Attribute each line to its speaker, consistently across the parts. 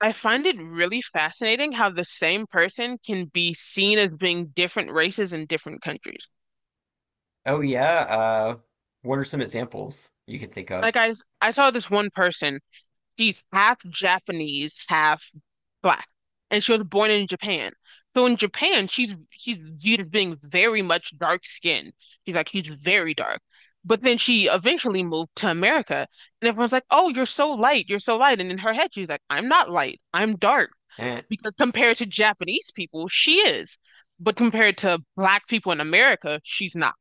Speaker 1: I find it really fascinating how the same person can be seen as being different races in different countries.
Speaker 2: Oh yeah, uh what are some examples you can think
Speaker 1: Like
Speaker 2: of?
Speaker 1: I saw this one person, she's half Japanese, half black, and she was born in Japan. So in Japan, she's viewed as being very much dark skinned. She's very dark. But then she eventually moved to America, and everyone's like, "Oh, you're so light, you're so light." And in her head, she's like, "I'm not light, I'm dark,"
Speaker 2: Eh.
Speaker 1: because compared to Japanese people, she is. But compared to black people in America, she's not.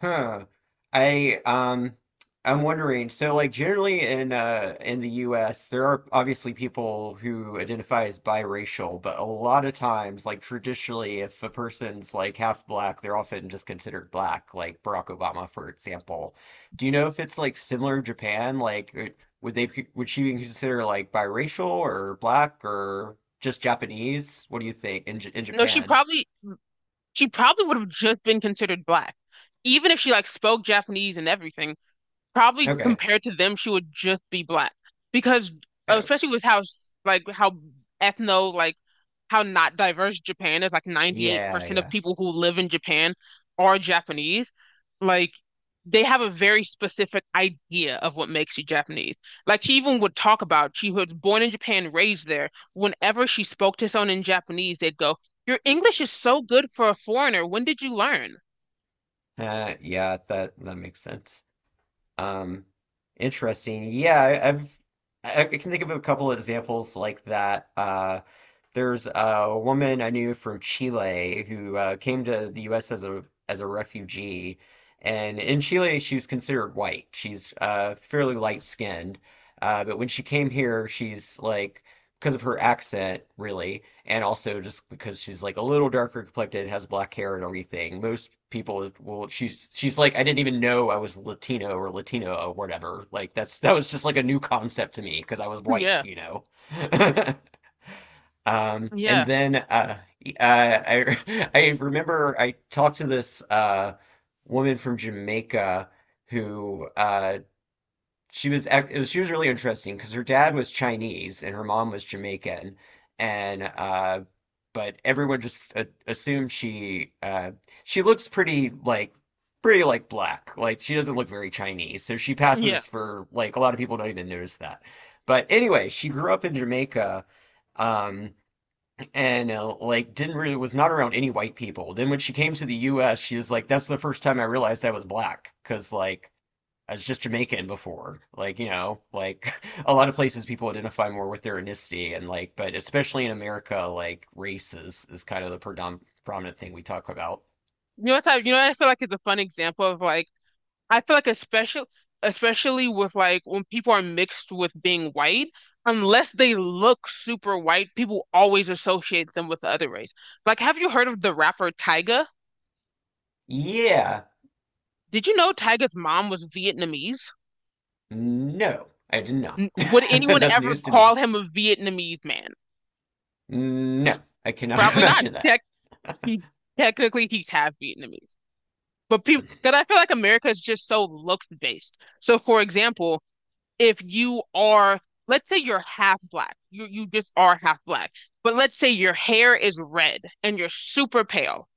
Speaker 2: Huh. I I'm wondering, so like generally in the US there are obviously people who identify as biracial, but a lot of times, like traditionally, if a person's like half black, they're often just considered black, like Barack Obama, for example. Do you know if it's like similar in Japan? Like it- would they would she be considered like biracial or black or just Japanese? What do you think in J in
Speaker 1: No,
Speaker 2: Japan?
Speaker 1: she probably would have just been considered black, even if she like spoke Japanese and everything. Probably
Speaker 2: Okay.
Speaker 1: compared to them, she would just be black because
Speaker 2: Okay.
Speaker 1: especially with how like how ethno like how not diverse Japan is, like
Speaker 2: Yeah,
Speaker 1: 98% of
Speaker 2: yeah.
Speaker 1: people who live in Japan are Japanese. Like they have a very specific idea of what makes you Japanese. Like she even would talk about she was born in Japan, raised there. Whenever she spoke to someone in Japanese, they'd go, "Your English is so good for a foreigner. When did you learn?"
Speaker 2: Yeah, that makes sense. Um, interesting. Yeah, I've I can think of a couple of examples like that. There's a woman I knew from Chile who came to the U.S. As a refugee, and in Chile she was considered white. She's fairly light skinned, but when she came here, she's like because of her accent, really, and also just because she's like a little darker complected, has black hair and everything. Most people will she's like I didn't even know I was Latino or Latino or whatever. Like that's that was just like a new concept to me because I was white,
Speaker 1: Yeah,
Speaker 2: you know. And
Speaker 1: yeah,
Speaker 2: then I I remember I talked to this woman from Jamaica who it was she was really interesting because her dad was Chinese and her mom was Jamaican and but everyone just assumed she looks pretty like black, like she doesn't look very Chinese, so she
Speaker 1: yeah.
Speaker 2: passes for like a lot of people don't even notice that, but anyway she grew up in Jamaica. Um, and like didn't really was not around any white people. Then when she came to the U.S., she was like, "That's the first time I realized I was black," because like I was just Jamaican before. Like you know, like a lot of places people identify more with their ethnicity, and like, but especially in America, like race is kind of the predom prominent thing we talk about.
Speaker 1: You know what I feel like is a fun example of like I feel like especially with like when people are mixed with being white, unless they look super white, people always associate them with the other race. Like, have you heard of the rapper Tyga?
Speaker 2: Yeah,
Speaker 1: Did you know Tyga's mom was Vietnamese?
Speaker 2: no, I did not.
Speaker 1: Would anyone
Speaker 2: That's
Speaker 1: ever
Speaker 2: news to
Speaker 1: call
Speaker 2: me.
Speaker 1: him a Vietnamese man?
Speaker 2: No, I cannot
Speaker 1: Probably not.
Speaker 2: imagine that.
Speaker 1: He Technically he's half Vietnamese. But people, because I feel like America is just so looks based. So, for example, if you are, let's say you're half black, you just are half black, but let's say your hair is red and you're super pale,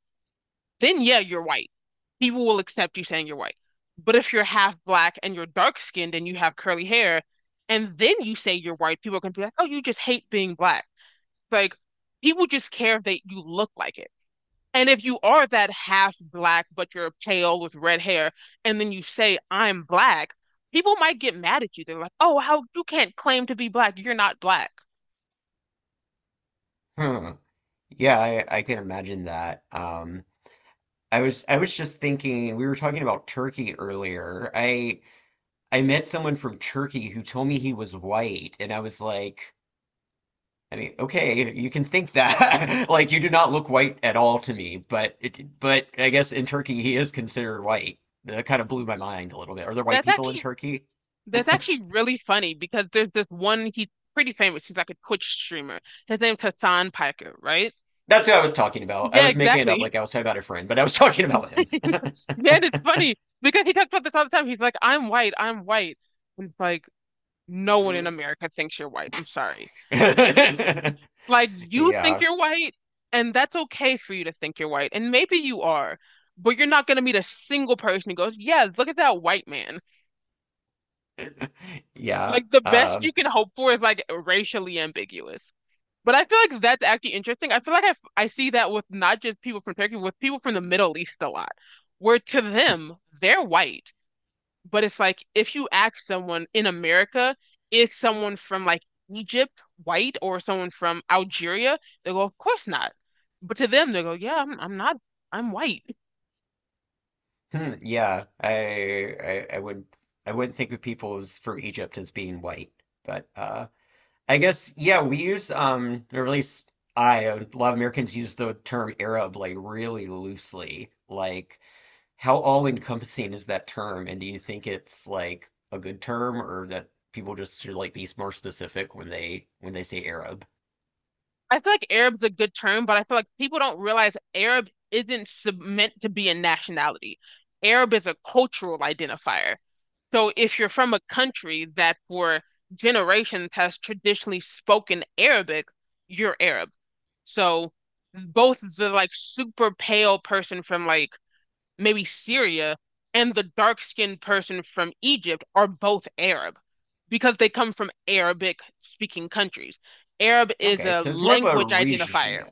Speaker 1: then yeah, you're white. People will accept you saying you're white. But if you're half black and you're dark skinned and you have curly hair, and then you say you're white, people are gonna be like, oh, you just hate being black. Like people just care if they you look like it. And if you are that half black, but you're pale with red hair, and then you say, I'm black, people might get mad at you. They're like, oh, how you can't claim to be black. You're not black.
Speaker 2: Hmm. Yeah, I can imagine that. I was just thinking we were talking about Turkey earlier. I met someone from Turkey who told me he was white, and I was like, I mean, okay, you can think that. Like you do not look white at all to me, but but I guess in Turkey he is considered white. That kind of blew my mind a little bit. Are there white
Speaker 1: That's
Speaker 2: people in
Speaker 1: actually
Speaker 2: Turkey?
Speaker 1: that's actually really funny because there's this one he's pretty famous. He's like a Twitch streamer. His name's Hassan Piker, right?
Speaker 2: That's who I was talking about. I
Speaker 1: Yeah,
Speaker 2: was making it up
Speaker 1: exactly.
Speaker 2: like I was talking about a friend, but I was talking about him.
Speaker 1: Yeah, and it's funny because he talks about this all the time. He's like, I'm white, I'm white. And it's like, no one in America thinks you're white. I'm sorry. You Like you think
Speaker 2: Yeah.
Speaker 1: you're white, and that's okay for you to think you're white. And maybe you are, but you're not gonna meet a single person who goes, yeah, look at that white man.
Speaker 2: Yeah.
Speaker 1: Like the best
Speaker 2: Um,
Speaker 1: you can hope for is like racially ambiguous. But I feel like that's actually interesting. I feel like I see that with not just people from Turkey, with people from the Middle East a lot, where to them, they're white. But it's like if you ask someone in America, if someone from like Egypt white or someone from Algeria, they go, of course not. But to them, they go, yeah, I'm not, I'm white.
Speaker 2: Yeah, I would I wouldn't think of people as, from Egypt as being white, but I guess yeah, we use or at least I a lot of Americans use the term Arab like really loosely. Like how all-encompassing is that term? And do you think it's like a good term or that people just should like be more specific when they say Arab?
Speaker 1: I feel like Arab's a good term, but I feel like people don't realize Arab isn't sub- meant to be a nationality. Arab is a cultural identifier. So if you're from a country that for generations has traditionally spoken Arabic, you're Arab. So both the like super pale person from like maybe Syria, and the dark-skinned person from Egypt are both Arab because they come from Arabic-speaking countries. Arab is
Speaker 2: Okay,
Speaker 1: a
Speaker 2: so it's more of a
Speaker 1: language identifier.
Speaker 2: region.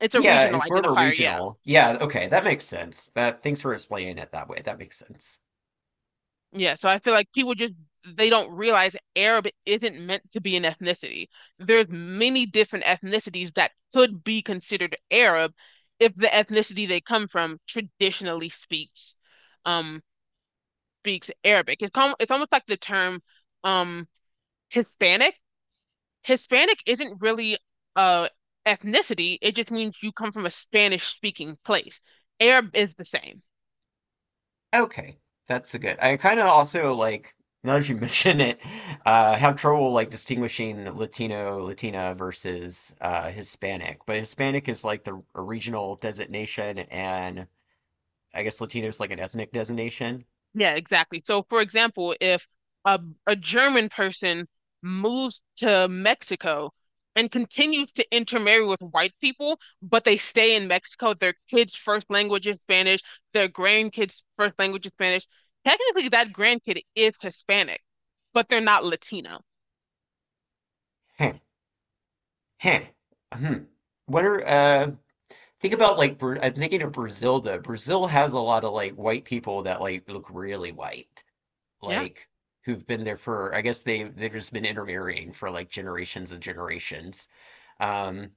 Speaker 1: It's a
Speaker 2: Yeah,
Speaker 1: regional
Speaker 2: it's more of a
Speaker 1: identifier, yeah.
Speaker 2: regional. Yeah, okay, that makes sense. That thanks for explaining it that way. That makes sense.
Speaker 1: Yeah, so I feel like people just they don't realize Arab isn't meant to be an ethnicity. There's many different ethnicities that could be considered Arab if the ethnicity they come from traditionally speaks um speaks Arabic. It's almost like the term um Hispanic, Hispanic isn't really uh ethnicity. It just means you come from a Spanish speaking place. Arab is the same.
Speaker 2: Okay, that's a good. I kind of also like now that you mention it, have trouble like distinguishing Latino, Latina versus Hispanic. But Hispanic is like the a regional designation, and I guess Latino is like an ethnic designation.
Speaker 1: Yeah, exactly. So for example, if a a German person moves to Mexico and continues to intermarry with white people, but they stay in Mexico, their kids' first language is Spanish, their grandkids' first language is Spanish. Technically, that grandkid is Hispanic, but they're not Latino.
Speaker 2: Huh. Huh. Hmm. What are? Think about like I'm thinking of Brazil though. Brazil has a lot of like white people that like look really white,
Speaker 1: Yeah.
Speaker 2: like who've been there for I guess they they've just been intermarrying for like generations and generations. Um,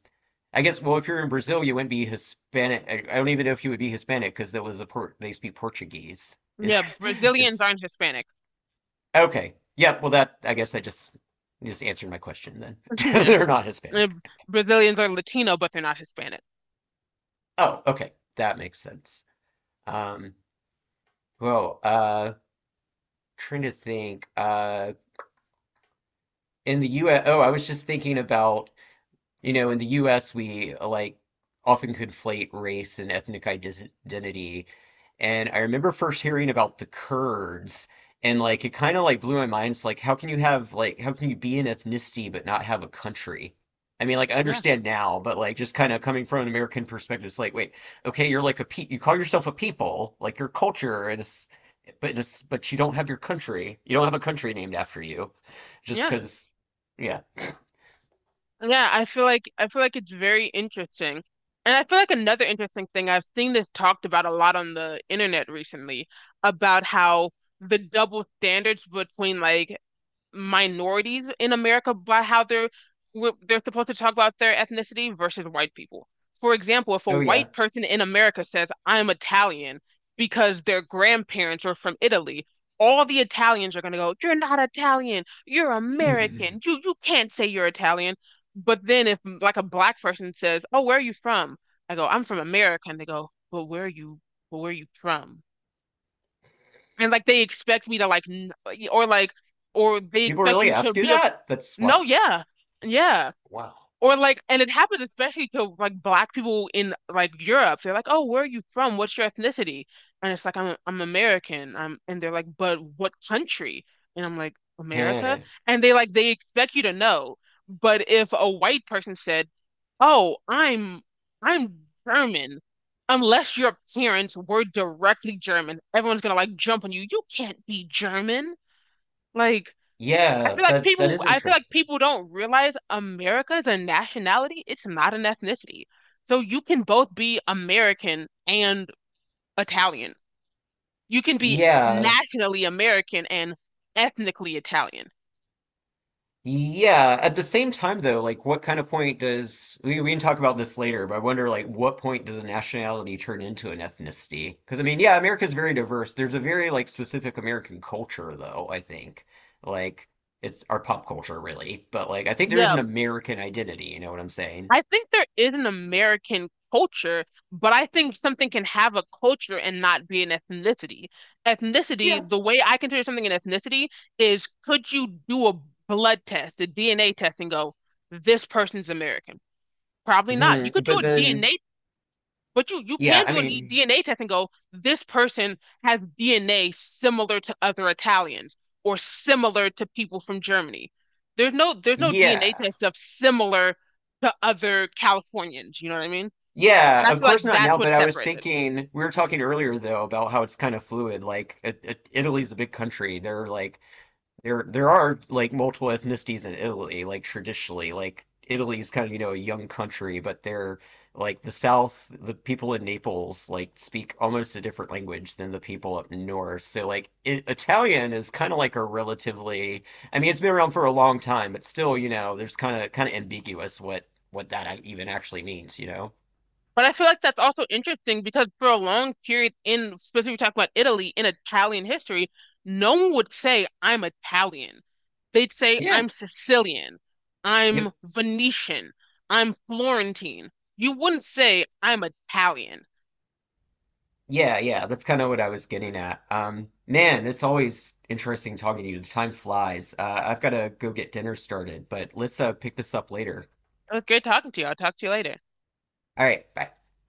Speaker 2: I guess well if you're in Brazil you wouldn't be Hispanic. I don't even know if you would be Hispanic because there was a port they speak Portuguese. Is
Speaker 1: Yeah, Brazilians
Speaker 2: is
Speaker 1: aren't Hispanic.
Speaker 2: okay. Yeah, well that I guess I just answered my question then.
Speaker 1: Yeah.
Speaker 2: They're not
Speaker 1: Uh,
Speaker 2: Hispanic.
Speaker 1: Brazilians are Latino, but they're not Hispanic.
Speaker 2: Oh, okay. That makes sense. Um, well, trying to think in the US, oh, I was just thinking about. You know, in the US, we like often conflate race and identity. And I remember first hearing about the Kurds, and like it kind of like blew my mind. It's like, how can you have like, how can you be an ethnicity but not have a country? I mean, like, I
Speaker 1: Yeah.
Speaker 2: understand now, but like, just kind of coming from an American perspective, it's like, wait, okay, you're like a pe you call yourself a people, like your culture, and but but you don't have your country. You don't have a country named after you, just
Speaker 1: Yeah.
Speaker 2: because, yeah.
Speaker 1: Yeah. I feel like it's very interesting. And I feel like another interesting thing, I've seen this talked about a lot on the internet recently about how the double standards between like minorities in America by how they're supposed to talk about their ethnicity versus white people. For example, if a
Speaker 2: Oh yeah.
Speaker 1: white person in America says, "I'm Italian," because their grandparents are from Italy, all the Italians are going to go, "You're not Italian. You're American. You can't say you're Italian." But then if like a black person says, "Oh, where are you from?" I go, "I'm from America," and they go, "But where are you? But where are you from?" And like they expect me to like, or like, or they
Speaker 2: People
Speaker 1: expect
Speaker 2: really
Speaker 1: you to
Speaker 2: ask you
Speaker 1: be
Speaker 2: that? That's
Speaker 1: no,
Speaker 2: what.
Speaker 1: yeah. Yeah.
Speaker 2: Wow.
Speaker 1: Or like, and it happened especially to like black people in like Europe. They're like, "Oh, where are you from? What's your ethnicity?" And it's like, I'm American." I'm And they're like, "But what country?" And I'm like, "America."
Speaker 2: Heh.
Speaker 1: And they like they expect you to know. But if a white person said, "Oh, I'm I'm German," unless your parents were directly German, everyone's gonna like jump on you. You can't be German. Like
Speaker 2: Yeah, that is
Speaker 1: I feel like
Speaker 2: interesting.
Speaker 1: people don't realize America is a nationality. It's not an ethnicity. So you can both be American and Italian. You can be
Speaker 2: Yeah.
Speaker 1: nationally American and ethnically Italian.
Speaker 2: Yeah. At the same time though, like what kind of point does we can talk about this later, but I wonder like what point does a nationality turn into an ethnicity? Because I mean, yeah, America's very diverse. There's a very like specific American culture though, I think. Like it's our pop culture really, but like I think there is
Speaker 1: Yeah,
Speaker 2: an American identity, you know what I'm saying?
Speaker 1: I think there is an American culture, but I think something can have a culture and not be an ethnicity.
Speaker 2: Yeah.
Speaker 1: Ethnicity, the way I consider something an ethnicity is could you do a blood test, a DNA test, and go, this person's American. Probably not. You
Speaker 2: hmm
Speaker 1: could do
Speaker 2: But
Speaker 1: a
Speaker 2: then
Speaker 1: DNA, but you
Speaker 2: yeah,
Speaker 1: can
Speaker 2: I
Speaker 1: do a
Speaker 2: mean,
Speaker 1: DNA test and go, this person has DNA similar to other Italians or similar to people from Germany. There's no DNA
Speaker 2: yeah.
Speaker 1: test of similar to other Californians, you know what I mean?
Speaker 2: Yeah,
Speaker 1: And I
Speaker 2: of
Speaker 1: feel like
Speaker 2: course not
Speaker 1: that's
Speaker 2: now,
Speaker 1: what
Speaker 2: but I was
Speaker 1: separates it.
Speaker 2: thinking, we were talking earlier though about how it's kind of fluid. Like Italy's a big country. There are like there are like multiple ethnicities in Italy, like traditionally. Like Italy's kind of, you know, a young country, but they're like the South, the people in Naples like speak almost a different language than the people up north. So like I Italian is kind of like a relatively, I mean, it's been around for a long time, but still, you know, there's kind of ambiguous what that even actually means, you know?
Speaker 1: But I feel like that's also interesting because for a long period in specifically talking about Italy in Italian history, no one would say I'm Italian. They'd say I'm Sicilian,
Speaker 2: Yep.
Speaker 1: I'm Venetian, I'm Florentine. You wouldn't say I'm Italian.
Speaker 2: Yeah, yeah. That's kind of what I was getting at. Man, it's always interesting talking to you. The time flies. I've got to go get dinner started, but let's pick this up later.
Speaker 1: It was great talking to you. I'll talk to you later.
Speaker 2: All right. Bye.